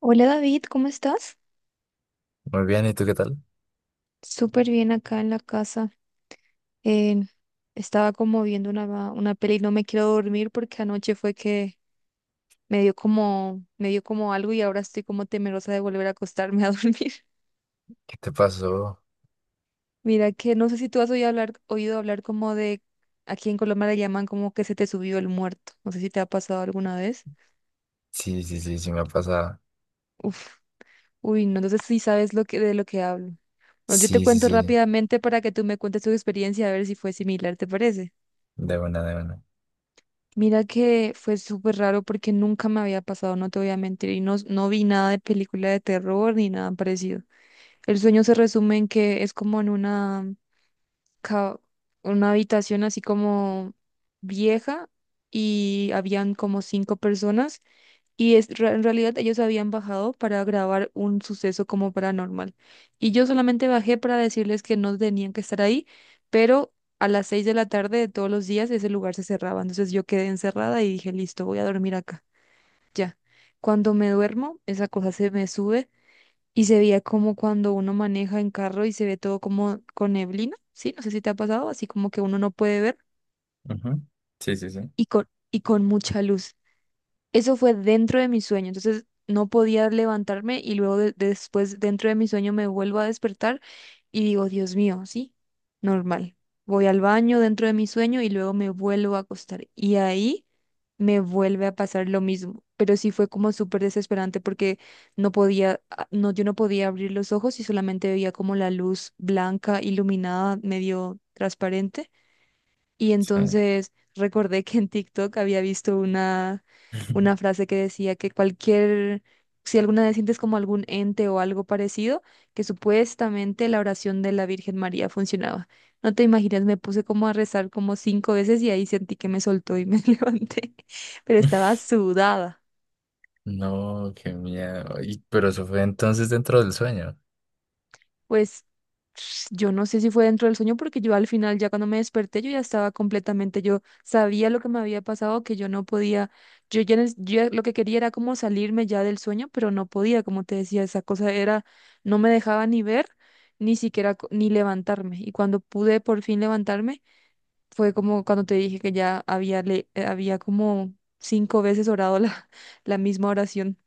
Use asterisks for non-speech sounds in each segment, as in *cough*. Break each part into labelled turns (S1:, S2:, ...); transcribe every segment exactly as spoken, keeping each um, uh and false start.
S1: Hola David, ¿cómo estás?
S2: Muy bien, ¿y tú qué tal?
S1: Súper bien acá en la casa. Eh, estaba como viendo una, una peli y no me quiero dormir porque anoche fue que me dio como, me dio como algo y ahora estoy como temerosa de volver a acostarme a *laughs* dormir.
S2: ¿Qué te pasó?
S1: Mira que no sé si tú has oído hablar, oído hablar como de, aquí en Colombia le llaman como que se te subió el muerto. No sé si te ha pasado alguna vez.
S2: Sí, sí, sí, sí me ha pasado.
S1: Uf, uy, no, entonces sí sabes lo que, de lo que hablo. Bueno, yo te
S2: Sí, sí,
S1: cuento
S2: sí,
S1: rápidamente para que tú me cuentes tu experiencia a ver si fue similar, ¿te parece?
S2: de una, de una.
S1: Mira que fue súper raro porque nunca me había pasado, no te voy a mentir, y no, no vi nada de película de terror ni nada parecido. El sueño se resume en que es como en una, ca- una habitación así como vieja y habían como cinco personas y es, re- en realidad ellos habían bajado para grabar un suceso como paranormal. Y yo solamente bajé para decirles que no tenían que estar ahí, pero a las seis de la tarde de todos los días ese lugar se cerraba. Entonces yo quedé encerrada y dije, listo, voy a dormir acá. Ya. Cuando me duermo, esa cosa se me sube y se veía como cuando uno maneja en carro y se ve todo como con neblina, ¿sí? No sé si te ha pasado, así como que uno no puede ver
S2: Ujú. Sí, sí, sí.
S1: y con, y con mucha luz. Eso fue dentro de mi sueño, entonces no podía levantarme y luego de- después dentro de mi sueño me vuelvo a despertar y digo, Dios mío, sí, normal. Voy al baño dentro de mi sueño y luego me vuelvo a acostar y ahí me vuelve a pasar lo mismo, pero sí fue como súper desesperante porque no podía, a- no, yo no podía abrir los ojos y solamente veía como la luz blanca, iluminada, medio transparente y
S2: Sí.
S1: entonces recordé que en TikTok había visto una, una
S2: *laughs*
S1: frase que decía que cualquier, si alguna vez sientes como algún ente o algo parecido, que supuestamente la oración de la Virgen María funcionaba. No te imaginas, me puse como a rezar como cinco veces y ahí sentí que me soltó y me *laughs* levanté, pero estaba sudada.
S2: No, qué miedo. Y- pero eso fue entonces dentro del sueño.
S1: Pues *sniffs* yo no sé si fue dentro del sueño porque yo al final ya cuando me desperté yo ya estaba completamente, yo sabía lo que me había pasado, que yo no podía, yo ya, nes- yo ya lo que quería era como salirme ya del sueño, pero no podía, como te decía, esa cosa era, no me dejaba ni ver, ni siquiera co- ni levantarme. Y cuando pude por fin levantarme, fue como cuando te dije que ya había, le eh, había como cinco veces orado la, *laughs* la misma oración.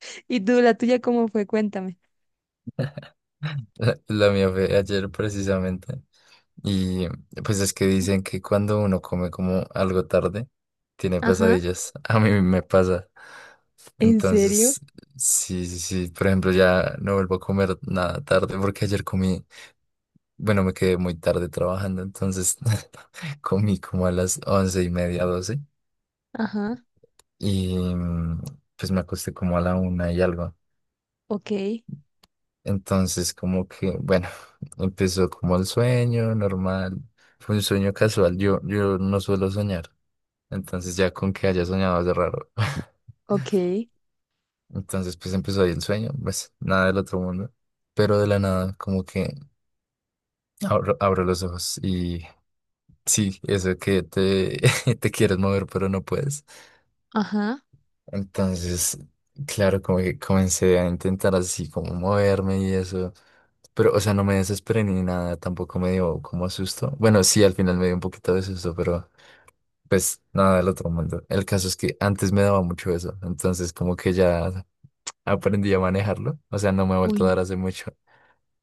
S1: *laughs* ¿Y tú, la tuya, cómo fue? Cuéntame.
S2: *laughs* La mía fue ayer precisamente. Y pues es que dicen que cuando uno come como algo tarde, tiene
S1: Ajá.
S2: pesadillas. *laughs* A mí me pasa.
S1: ¿En serio?
S2: Entonces, sí, sí, sí. Por ejemplo, ya no vuelvo a comer nada tarde porque ayer comí. Bueno, me quedé muy tarde trabajando, entonces *laughs* comí como a las once y media, doce,
S1: Ajá.
S2: y mm, pues me acosté como a la una y algo.
S1: Ok,
S2: Entonces, como que, bueno, *laughs* empezó como el sueño normal, fue un sueño casual, yo, yo no suelo soñar, entonces ya con que haya soñado es raro. *laughs*
S1: ok,
S2: Entonces, pues empezó ahí el sueño, pues nada del otro mundo, pero de la nada, como que abro, abro los ojos y sí, eso que te, *laughs* te quieres mover, pero no puedes.
S1: ajá.
S2: Entonces, claro, como que comencé a intentar así como moverme y eso. Pero, o sea, no me desesperé ni nada, tampoco me dio como susto. Bueno, sí, al final me dio un poquito de susto, pero pues nada del otro mundo. El caso es que antes me daba mucho eso, entonces como que ya aprendí a manejarlo. O sea, no me ha
S1: Uy,
S2: vuelto a dar
S1: no,
S2: hace mucho.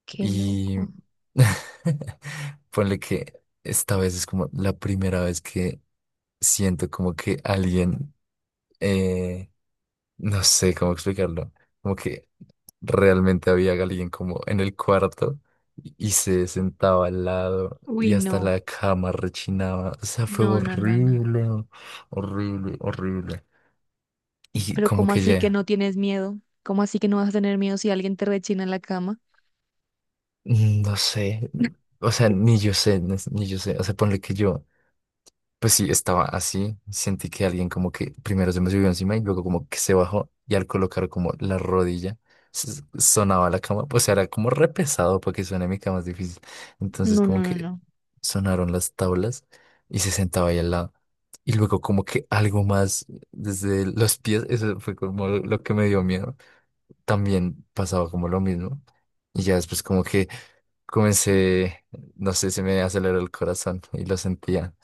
S1: qué
S2: Y
S1: loco.
S2: *laughs* ponle que esta vez es como la primera vez que siento como que alguien, eh, no sé cómo explicarlo, como que realmente había alguien como en el cuarto y y se sentaba al lado
S1: Uy,
S2: y hasta
S1: no,
S2: la cama rechinaba. O sea, fue
S1: no, no, no, no.
S2: horrible, horrible, horrible. Y
S1: Pero
S2: como
S1: ¿cómo
S2: que
S1: así que
S2: ya,
S1: no tienes miedo? ¿Cómo así que no vas a tener miedo si alguien te rechina en la cama?
S2: mm, no sé, o sea, ni yo sé, ni ni yo sé, o sea, ponle que yo. Pues sí, estaba así. Sentí que alguien como que primero se me subió encima y luego como que se bajó y al colocar como la rodilla s- sonaba la cama. Pues era como re pesado para que suene mi cama es difícil. Entonces
S1: No, no,
S2: como
S1: no,
S2: que
S1: no.
S2: sonaron las tablas y se sentaba ahí al lado. Y luego como que algo más desde los pies, eso fue como lo lo que me dio miedo. También pasaba como lo mismo. Y ya después como que comencé, no sé, se me aceleró el corazón y lo sentía.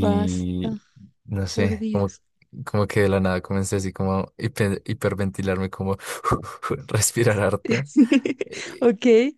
S1: Basta,
S2: no
S1: por
S2: sé, como,
S1: Dios.
S2: como que de la nada comencé así como a hiper- hiperventilarme, como *laughs* respirar harto.
S1: *laughs* Ok,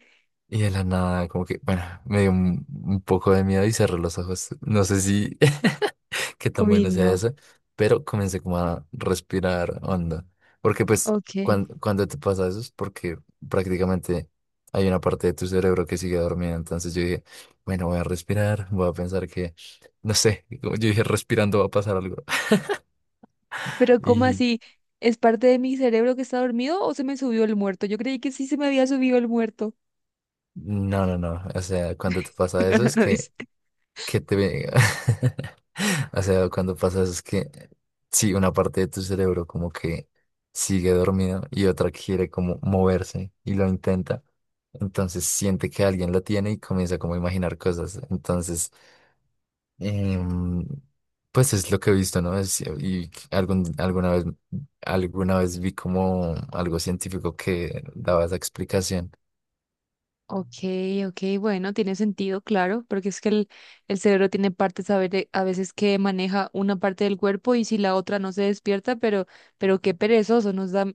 S2: Y de la nada, como que, bueno, me dio un, un poco de miedo y cerré los ojos. No sé si *laughs* qué tan
S1: uy,
S2: bueno sea
S1: no,
S2: eso, pero comencé como a respirar hondo. Porque pues
S1: ok.
S2: cuando, cuando te pasa eso es porque prácticamente hay una parte de tu cerebro que sigue dormida. Entonces yo dije, bueno, voy a respirar, voy a pensar que, no sé, *laughs* como yo dije, respirando va a pasar algo. *laughs*
S1: Pero ¿cómo
S2: Y
S1: así? ¿Es parte de mi cerebro que está dormido o se me subió el muerto? Yo creí que sí se me había subido el muerto.
S2: no, no, no. O sea, cuando te
S1: *laughs*
S2: pasa
S1: No,
S2: eso
S1: no,
S2: es
S1: no dice.
S2: que que te venga. *laughs* O sea, cuando pasa eso es que sí, una parte de tu cerebro como que sigue dormido y otra quiere como moverse y lo intenta. Entonces siente que alguien lo tiene y comienza como a imaginar cosas. Entonces, em, pues es lo que he visto, ¿no? Es- y algún, alguna vez, alguna vez vi como algo científico que daba esa explicación.
S1: Ok, ok, bueno, tiene sentido, claro, porque es que el, el cerebro tiene partes a, ver- a veces que maneja una parte del cuerpo y si la otra no se despierta, pero, pero qué perezoso nos da,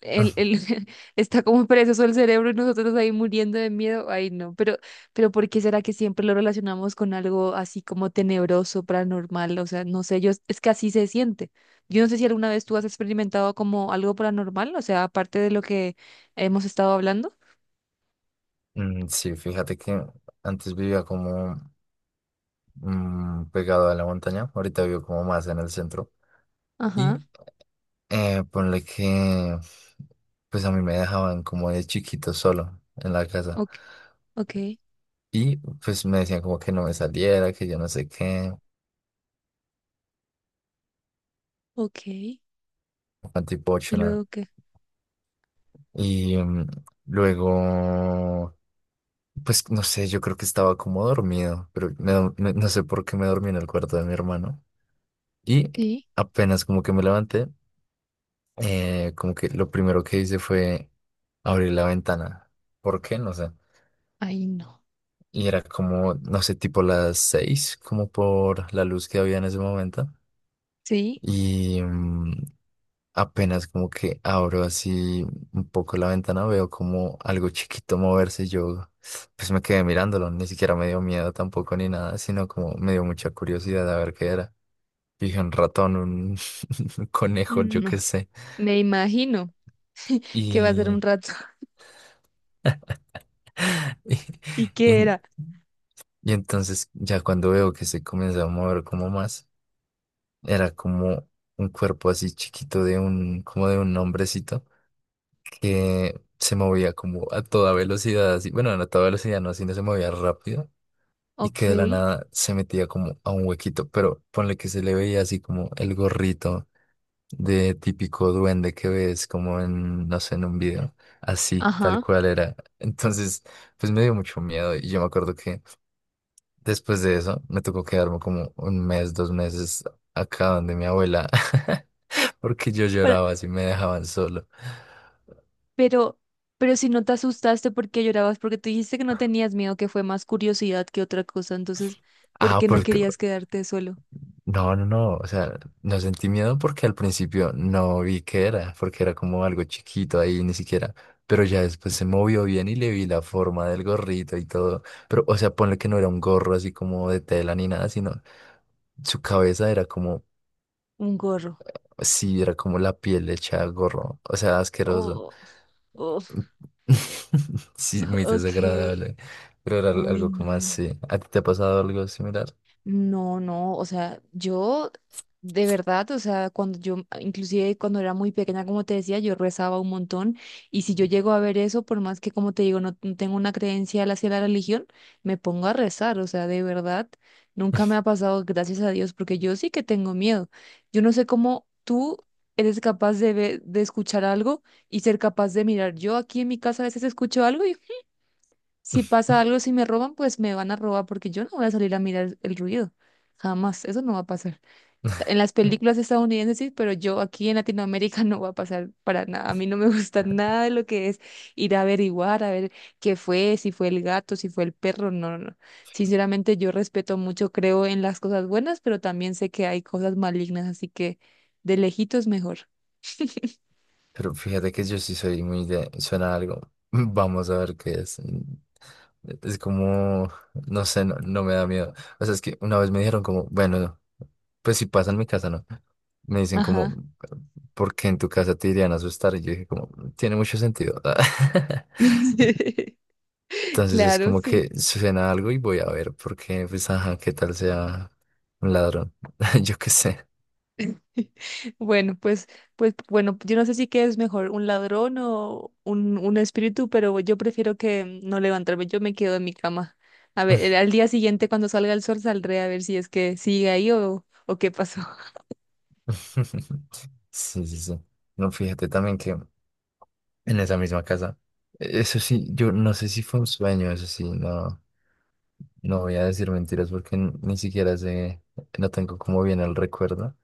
S1: el, el,
S2: *laughs*
S1: *laughs* está como perezoso el cerebro y nosotros ahí muriendo de miedo, ay no, pero, pero ¿por qué será que siempre lo relacionamos con algo así como tenebroso, paranormal? O sea, no sé, yo, es que así se siente. Yo no sé si alguna vez tú has experimentado como algo paranormal, o sea, aparte de lo que hemos estado hablando.
S2: Mm, sí, fíjate que antes vivía como mm, pegado a la montaña. Ahorita vivo como más en el centro. Y
S1: Ajá,
S2: eh, ponle que, pues a mí me dejaban como de chiquito solo en la casa.
S1: ok. Ok,
S2: Y pues me decían como que no me saliera, que yo no sé qué,
S1: ok. ¿Y
S2: antipochona.
S1: luego qué?
S2: Y mm, luego, pues no sé, yo creo que estaba como dormido, pero me do- me- no sé por qué me dormí en el cuarto de mi hermano. Y
S1: Sí,
S2: apenas como que me levanté, eh, como que lo primero que hice fue abrir la ventana. ¿Por qué? No sé.
S1: ahí no.
S2: Y era como, no sé, tipo las seis, como por la luz que había en ese momento.
S1: Sí,
S2: Y mm, apenas como que abro así un poco la ventana, veo como algo chiquito moverse. Y yo pues me quedé mirándolo, ni siquiera me dio miedo tampoco ni nada, sino como me dio mucha curiosidad a ver qué era. Dije un ratón, un *laughs* un conejo, yo
S1: no,
S2: qué sé.
S1: me imagino que va a ser un
S2: Y,
S1: rato. *laughs*
S2: *laughs* y,
S1: ¿Y
S2: y
S1: qué
S2: en-
S1: era?
S2: Y entonces ya cuando veo que se comenzó a mover como más, era como un cuerpo así chiquito de un, como de un hombrecito que se movía como a toda velocidad, así, bueno, no a toda velocidad, no, sino se movía rápido y
S1: Ok,
S2: que de la nada se metía como a un huequito, pero ponle que se le veía así como el gorrito de típico duende que ves como en, no sé, en un video, así, tal
S1: ajá.
S2: cual era. Entonces, pues me dio mucho miedo y yo me acuerdo que... Después de eso, me tocó quedarme como un mes, dos meses acá donde mi abuela, *laughs* porque yo
S1: pero,
S2: lloraba si me dejaban solo.
S1: Pero, pero si no te asustaste, ¿por qué llorabas? Porque tú dijiste que no tenías miedo, que fue más curiosidad que otra cosa. Entonces, ¿por
S2: Ah,
S1: qué no
S2: porque...
S1: querías quedarte solo?
S2: No, no, no, o sea, no sentí miedo porque al principio no vi qué era, porque era como algo chiquito ahí, ni siquiera, pero ya después se movió bien y le vi la forma del gorrito y todo, pero, o sea, ponle que no era un gorro así como de tela ni nada, sino su cabeza era como,
S1: Un gorro.
S2: sí, era como la piel hecha gorro, o sea, asqueroso.
S1: Oh,
S2: *laughs*
S1: oh,
S2: Sí, muy
S1: ok.
S2: desagradable, pero era al-
S1: Uy,
S2: algo como
S1: no.
S2: así. ¿A ti te ha pasado algo similar?
S1: No, no, o sea, yo de verdad, o sea, cuando yo, inclusive cuando era muy pequeña, como te decía, yo rezaba un montón y si yo llego a ver eso, por más que como te digo, no, no tengo una creencia hacia la religión, me pongo a rezar, o sea, de verdad, nunca me ha pasado, gracias a Dios, porque yo sí que tengo miedo. Yo no sé cómo tú eres capaz de ver, de escuchar algo y ser capaz de mirar. Yo aquí en mi casa a veces escucho algo si pasa algo, si me roban, pues me van a robar porque yo no voy a salir a mirar el ruido. Jamás, eso no va a pasar. En las películas
S2: *laughs*
S1: estadounidenses sí, pero yo aquí en Latinoamérica *laughs* no va a pasar para nada. A mí no me gusta *laughs* nada de lo que es ir a averiguar, a ver qué fue, si fue el gato, si fue el perro. No, no, no. Sinceramente yo respeto mucho, creo en las cosas buenas, pero también sé que hay cosas malignas, así que de lejitos mejor.
S2: Pero fíjate que yo sí soy muy de... Suena algo. *laughs* Vamos a ver qué es. Es como... No sé, no, no me da miedo. O sea, es que una vez me dijeron como, bueno, pues si pasa en mi casa, ¿no? Me dicen como,
S1: Ajá.
S2: ¿por qué en tu casa te irían a asustar? Y yo dije como, tiene mucho sentido. *laughs*
S1: *laughs*
S2: Entonces es
S1: Claro,
S2: como
S1: sí.
S2: que suena algo y voy a ver, porque pues ajá, qué tal sea un ladrón, *laughs* yo qué sé.
S1: *laughs* Bueno, pues, pues, bueno, yo no sé si qué es mejor, un ladrón o un, un espíritu, pero yo prefiero que no levantarme, yo me quedo en mi cama. A ver, eh, al día siguiente cuando salga el sol saldré a ver si es que sigue ahí o, o qué pasó. *laughs*
S2: *laughs* Sí, sí, sí. No, fíjate también que en esa misma casa, e-, eso sí, yo no sé si fue un sueño, eso sí, no, no voy a decir mentiras porque n- ni siquiera sé, no tengo como bien el recuerdo.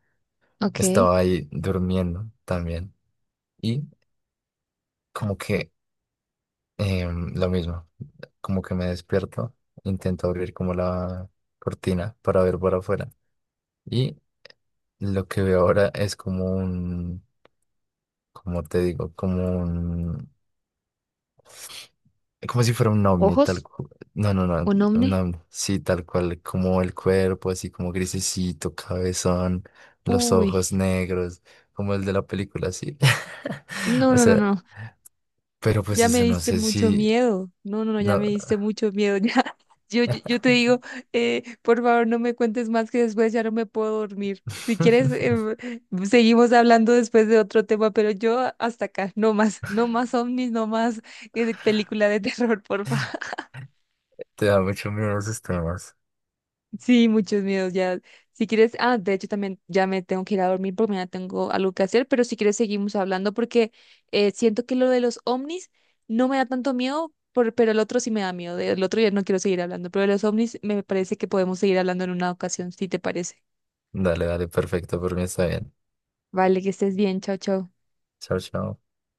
S1: Ok.
S2: Estaba ahí durmiendo también y como que Em, lo mismo, como que me despierto, intento abrir como la cortina para ver por afuera. Y lo que veo ahora es como un, como te digo, como un, como si fuera un ovni, tal
S1: ¿Ojos?
S2: cual. No, no, no,
S1: ¿Un
S2: un
S1: ovni?
S2: ovni, sí, tal cual, como el cuerpo, así como grisecito, cabezón, los
S1: Uy,
S2: ojos negros, como el de la película, así. *laughs*
S1: no,
S2: O
S1: no, no,
S2: sea,
S1: no.
S2: pero pues
S1: Ya me
S2: eso no
S1: diste
S2: sé
S1: mucho
S2: si,
S1: miedo. No, no, no, ya
S2: no.
S1: me diste mucho miedo. *laughs* Ya, yo, yo, yo te digo, eh, por favor, no me cuentes más que después ya no me puedo dormir. Si quieres,
S2: *laughs*
S1: eh, seguimos hablando después de otro tema, pero yo hasta acá, no más, no más ovnis, no más eh, película de *laughs* terror, por favor.
S2: Te da mucho miedo esos temas.
S1: Sí, muchos miedos ya. Si quieres, ah, de hecho también ya me tengo que ir a dormir porque mañana tengo algo que hacer, pero si quieres seguimos hablando porque eh, siento que lo de los ovnis no me da tanto miedo, por- pero el otro sí me da miedo. Del otro ya no quiero seguir hablando, pero de los ovnis me parece que podemos seguir hablando en una ocasión, si te parece.
S2: Dale, dale, perfecto, por mí está bien.
S1: Vale, que estés bien, chao, chao.
S2: Chao, chao.